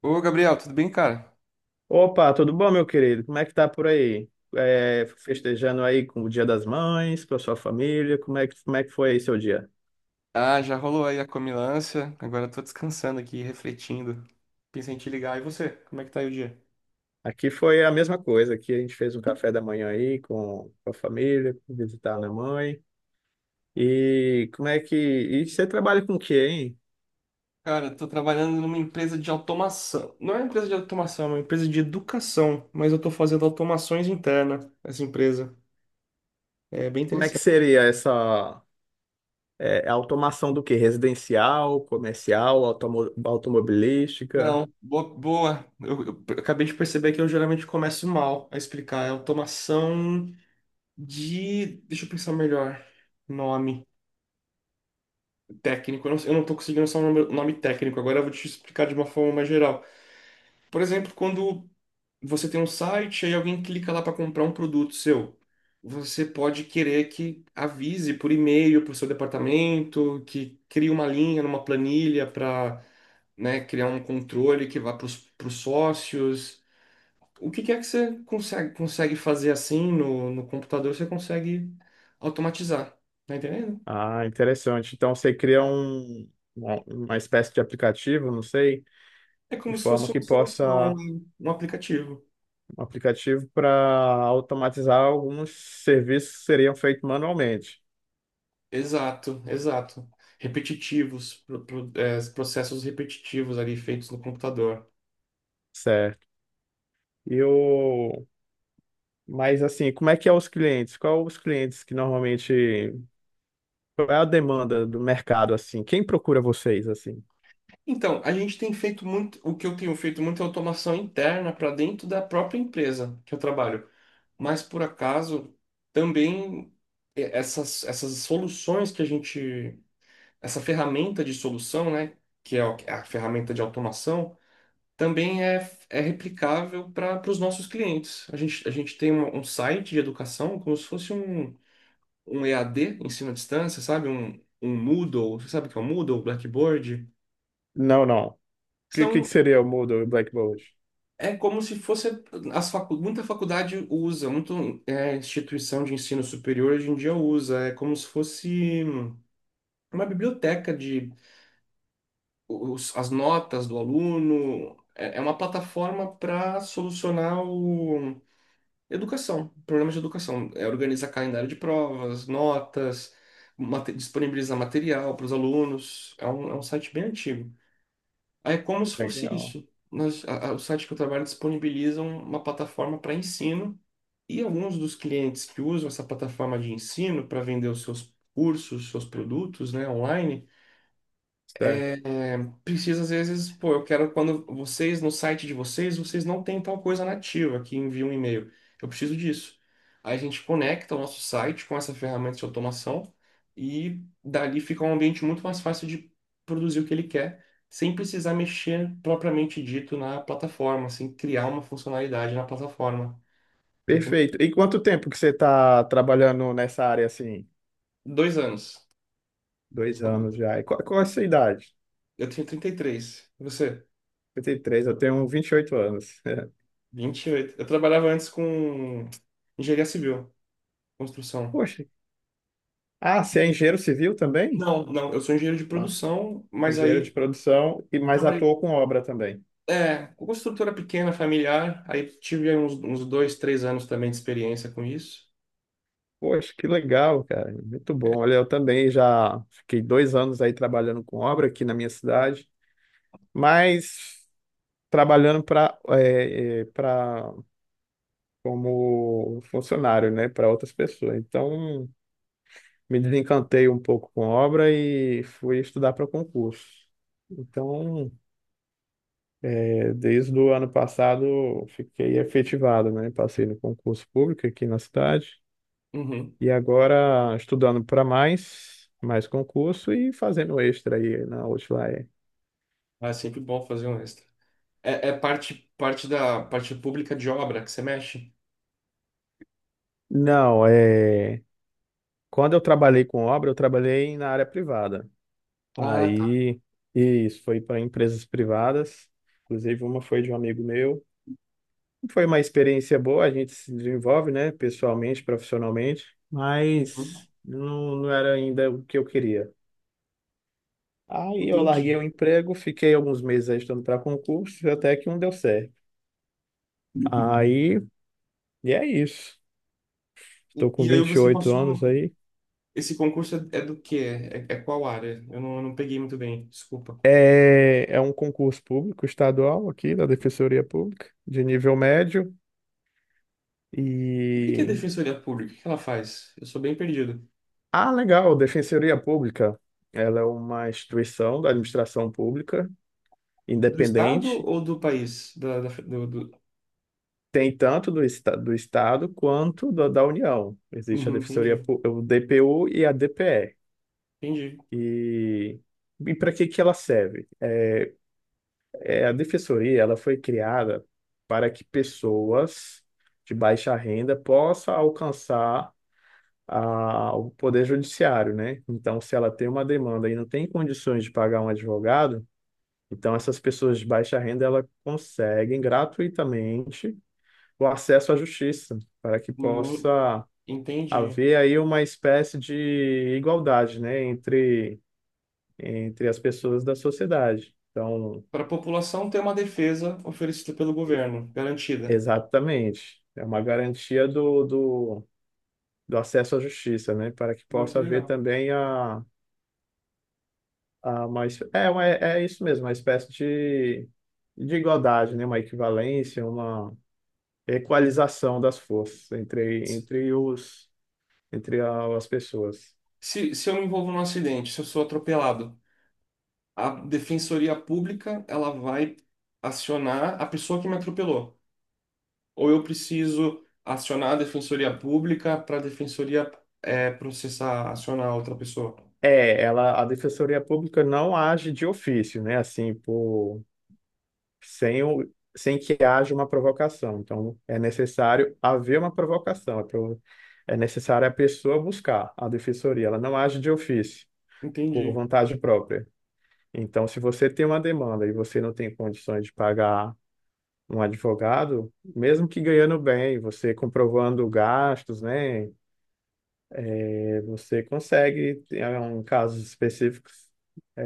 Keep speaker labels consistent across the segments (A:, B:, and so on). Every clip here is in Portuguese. A: Ô, Gabriel, tudo bem, cara?
B: Opa, tudo bom, meu querido? Como é que tá por aí? Festejando aí com o Dia das Mães, com a sua família, como é que foi aí seu dia?
A: Ah, já rolou aí a comilança. Agora eu tô descansando aqui, refletindo. Pensei em te ligar. E você? Como é que tá aí o dia?
B: Aqui foi a mesma coisa, aqui a gente fez um café da manhã aí com a família, visitar a minha mãe. E como é que... E você trabalha com o quê, hein?
A: Cara, eu tô trabalhando numa empresa de automação. Não é uma empresa de automação, é uma empresa de educação. Mas eu tô fazendo automações internas nessa empresa. É bem
B: Como é que
A: interessante.
B: seria essa automação do quê? Residencial, comercial, automobilística?
A: Não, boa. Eu acabei de perceber que eu geralmente começo mal a explicar. É automação de. Deixa eu pensar melhor. Nome técnico, eu não tô conseguindo só o nome técnico, agora eu vou te explicar de uma forma mais geral. Por exemplo, quando você tem um site e alguém clica lá para comprar um produto seu, você pode querer que avise por e-mail para o seu departamento, que crie uma linha numa planilha para, né, criar um controle que vá para os sócios. O que que é que você consegue, consegue fazer assim no computador, você consegue automatizar, tá entendendo?
B: Ah, interessante. Então você cria um, uma espécie de aplicativo, não sei
A: É
B: de
A: como se
B: forma
A: fosse
B: que
A: uma solução,
B: possa
A: um aplicativo.
B: um aplicativo para automatizar alguns serviços que seriam feitos manualmente,
A: Exato, exato. Repetitivos, processos repetitivos ali feitos no computador.
B: certo? E o mas assim, como é que é os clientes? Qual os clientes que normalmente qual é a demanda do mercado assim? Quem procura vocês assim?
A: Então, a gente tem feito muito, o que eu tenho feito muito é automação interna para dentro da própria empresa que eu trabalho. Mas por acaso, também é, essas soluções que a gente, essa ferramenta de solução, né, que é a ferramenta de automação, também é, é replicável para os nossos clientes. A gente tem um site de educação como se fosse um EAD, ensino à distância, sabe? Um Moodle, você sabe o que é um Moodle, um Blackboard?
B: Não, não. O que que
A: São,
B: seria o Moodle e o Blackboard?
A: é como se fosse, muita faculdade usa, muita é, instituição de ensino superior hoje em dia usa, é como se fosse uma biblioteca de os, as notas do aluno, é, é uma plataforma para solucionar o... Educação, problemas de educação, é organizar calendário de provas, notas, disponibilizar material para os alunos. É um site bem antigo. É como se fosse
B: Legal,
A: isso. Nós, o site que eu trabalho disponibiliza uma plataforma para ensino e alguns dos clientes que usam essa plataforma de ensino para vender os seus cursos, seus produtos, né, online,
B: certo.
A: precisa, às vezes, pô, eu quero quando vocês, no site de vocês, vocês não têm tal coisa nativa que envia um e-mail. Eu preciso disso. Aí a gente conecta o nosso site com essa ferramenta de automação e dali fica um ambiente muito mais fácil de produzir o que ele quer, sem precisar mexer propriamente dito na plataforma, sem criar uma funcionalidade na plataforma. Tá entendendo?
B: Perfeito. E quanto tempo que você está trabalhando nessa área assim?
A: Dois anos.
B: Dois
A: Só dois-
B: anos já. E qual é a sua idade?
A: Eu tenho 33. E três. E você?
B: Trinta e três. Eu tenho 28 anos.
A: 28. Eu trabalhava antes com engenharia civil, construção.
B: Poxa, ah, você é engenheiro civil também?
A: Não, não, eu sou engenheiro de
B: Mas
A: produção, mas
B: engenheiro de
A: aí
B: produção e mais
A: trabalhei
B: atuou com obra também.
A: é, com construtora pequena, familiar, aí tive aí uns, uns dois, três anos também de experiência com isso.
B: Poxa, que legal, cara. Muito bom. Olha, eu também já fiquei dois anos aí trabalhando com obra aqui na minha cidade, mas trabalhando para como funcionário, né, para outras pessoas. Então, me desencantei um pouco com obra e fui estudar para concurso. Então, Desde o ano passado eu fiquei efetivado, né? Passei no concurso público aqui na cidade
A: Uhum.
B: e agora estudando para mais concurso e fazendo extra aí na Outlier.
A: Ah, é sempre bom fazer um extra. É, é parte, parte da parte pública de obra que você mexe?
B: Não, é... quando eu trabalhei com obra, eu trabalhei na área privada.
A: Ah, tá.
B: Aí isso foi para empresas privadas, inclusive uma foi de um amigo meu. Foi uma experiência boa, a gente se desenvolve, né? Pessoalmente, profissionalmente,
A: Uhum.
B: mas não, não era ainda o que eu queria. Aí eu larguei
A: Entendi.
B: o emprego, fiquei alguns meses aí estudando para concurso, até que um deu certo. Aí, e é isso. Estou com
A: E aí
B: vinte e
A: você
B: oito
A: passou.
B: anos
A: No-
B: aí.
A: Esse concurso é, é do quê? É, é qual área? Eu não peguei muito bem, desculpa.
B: É, é um concurso público estadual aqui da Defensoria Pública, de nível médio.
A: O que que é
B: E.
A: Defensoria Pública? O que ela faz? Eu sou bem perdido.
B: Ah, legal, Defensoria Pública. Ela é uma instituição da administração pública
A: Do estado
B: independente.
A: ou do país?
B: Tem tanto do, do Estado quanto da União. Existe a
A: Uhum,
B: Defensoria,
A: entendi,
B: Pú- o DPU e a
A: entendi,
B: DPE. E, e para que que ela serve? É, a defensoria, ela foi criada para que pessoas de baixa renda possam alcançar a, o poder judiciário, né? Então, se ela tem uma demanda e não tem condições de pagar um advogado, então essas pessoas de baixa renda, ela conseguem gratuitamente o acesso à justiça, para que
A: Mu-
B: possa
A: entendi.
B: haver aí uma espécie de igualdade, né, entre as pessoas da sociedade. Então,
A: Para a população ter uma defesa oferecida pelo
B: e-
A: governo, garantida.
B: exatamente, é uma garantia do, do acesso à justiça, né? Para que
A: Muito
B: possa haver
A: legal.
B: também a uma, é isso mesmo, uma espécie de igualdade, né? Uma equivalência, uma equalização das forças
A: Se,
B: entre os, as pessoas.
A: se eu me envolvo num acidente, se eu sou atropelado, a defensoria pública ela vai acionar a pessoa que me atropelou. Ou eu preciso acionar a defensoria pública para a defensoria eh, processar, acionar outra pessoa.
B: É, ela, a Defensoria Pública não age de ofício, né? Assim, por sem o, sem que haja uma provocação. Então, é necessário haver uma provocação, é necessário a pessoa buscar a defensoria, ela não age de ofício, por
A: Entendi,
B: vontade própria. Então, se você tem uma demanda e você não tem condições de pagar um advogado, mesmo que ganhando bem, você comprovando gastos, né, você consegue, em casos específicos,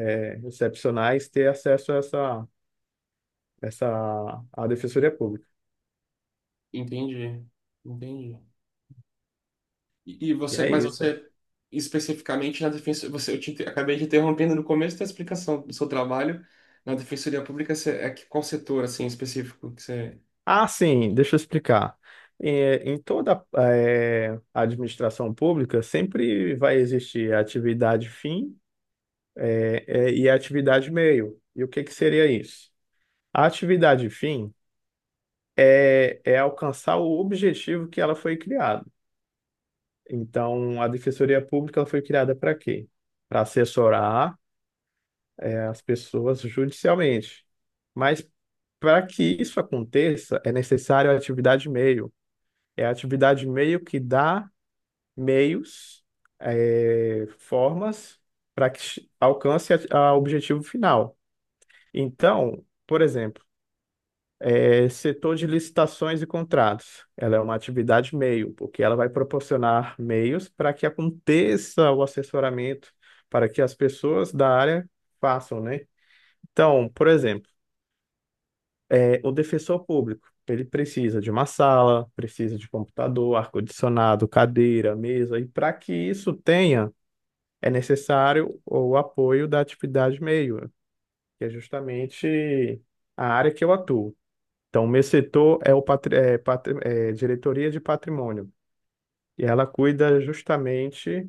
B: excepcionais, ter acesso a essa, à defensoria pública.
A: entendi, entendi. E
B: E
A: você,
B: é
A: mas
B: isso.
A: você especificamente na defensoria, você, acabei te interrompendo no começo da explicação do seu trabalho na Defensoria Pública, você, é que qual setor assim específico que você
B: Ah, sim, deixa eu explicar. Em toda administração pública sempre vai existir a atividade fim e a atividade meio. E o que que seria isso? A atividade fim é alcançar o objetivo que ela foi criada. Então, a Defensoria Pública ela foi criada para quê? Para assessorar as pessoas judicialmente. Mas para que isso aconteça, é necessário a atividade meio. É a atividade meio que dá meios, formas para que alcance o objetivo final. Então, por exemplo, setor de licitações e contratos, ela é uma atividade meio, porque ela vai proporcionar meios para que aconteça o assessoramento, para que as pessoas da área façam, né? Então, por exemplo, o defensor público, ele precisa de uma sala, precisa de computador, ar-condicionado, cadeira, mesa, e para que isso tenha é necessário o apoio da atividade meio, que é justamente a área que eu atuo. Então, o meu setor é o é, diretoria de patrimônio, e ela cuida justamente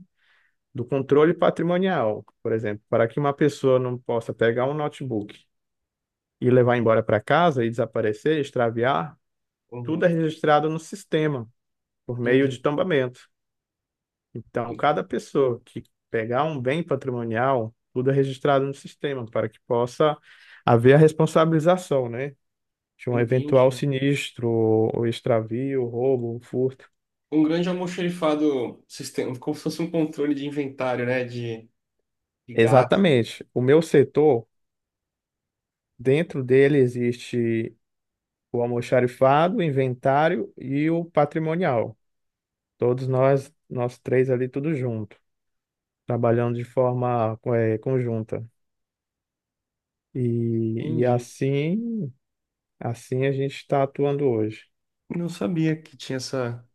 B: do controle patrimonial, por exemplo, para que uma pessoa não possa pegar um notebook e levar embora para casa e desaparecer, extraviar, tudo é
A: Uhum.
B: registrado no sistema, por meio de
A: Entendi.
B: tombamento. Então,
A: En-
B: cada pessoa que pegar um bem patrimonial, tudo é registrado no sistema para que possa haver a responsabilização, né? De um eventual
A: Entendi.
B: sinistro, ou extravio, roubo, furto.
A: Um grande almoxerifado sistema, como se fosse um controle de inventário, né, de gato.
B: Exatamente. O meu setor, dentro dele existe o almoxarifado, o inventário e o patrimonial. Todos nós, nós três ali, tudo junto, trabalhando de forma, conjunta. E
A: Entendi.
B: assim, assim a gente está atuando hoje.
A: Não sabia que tinha essa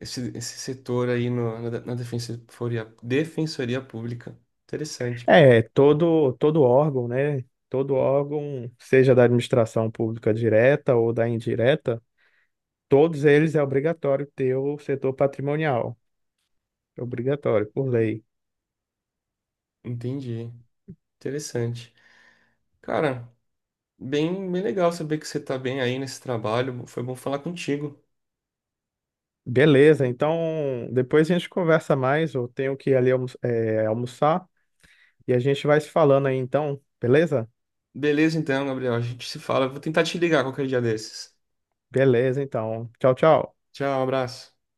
A: esse setor aí no, na Defensoria Pública. Interessante, cara.
B: É, todo órgão, né? Todo órgão, seja da administração pública direta ou da indireta, todos eles é obrigatório ter o setor patrimonial. É obrigatório, por lei.
A: Entendi. Interessante. Cara, bem legal saber que você tá bem aí nesse trabalho. Foi bom falar contigo.
B: Beleza, então depois a gente conversa mais. Eu tenho que ir ali almoçar e a gente vai se falando aí então, beleza?
A: Beleza, então, Gabriel. A gente se fala. Vou tentar te ligar qualquer dia desses.
B: Beleza, então. Tchau, tchau.
A: Tchau, abraço.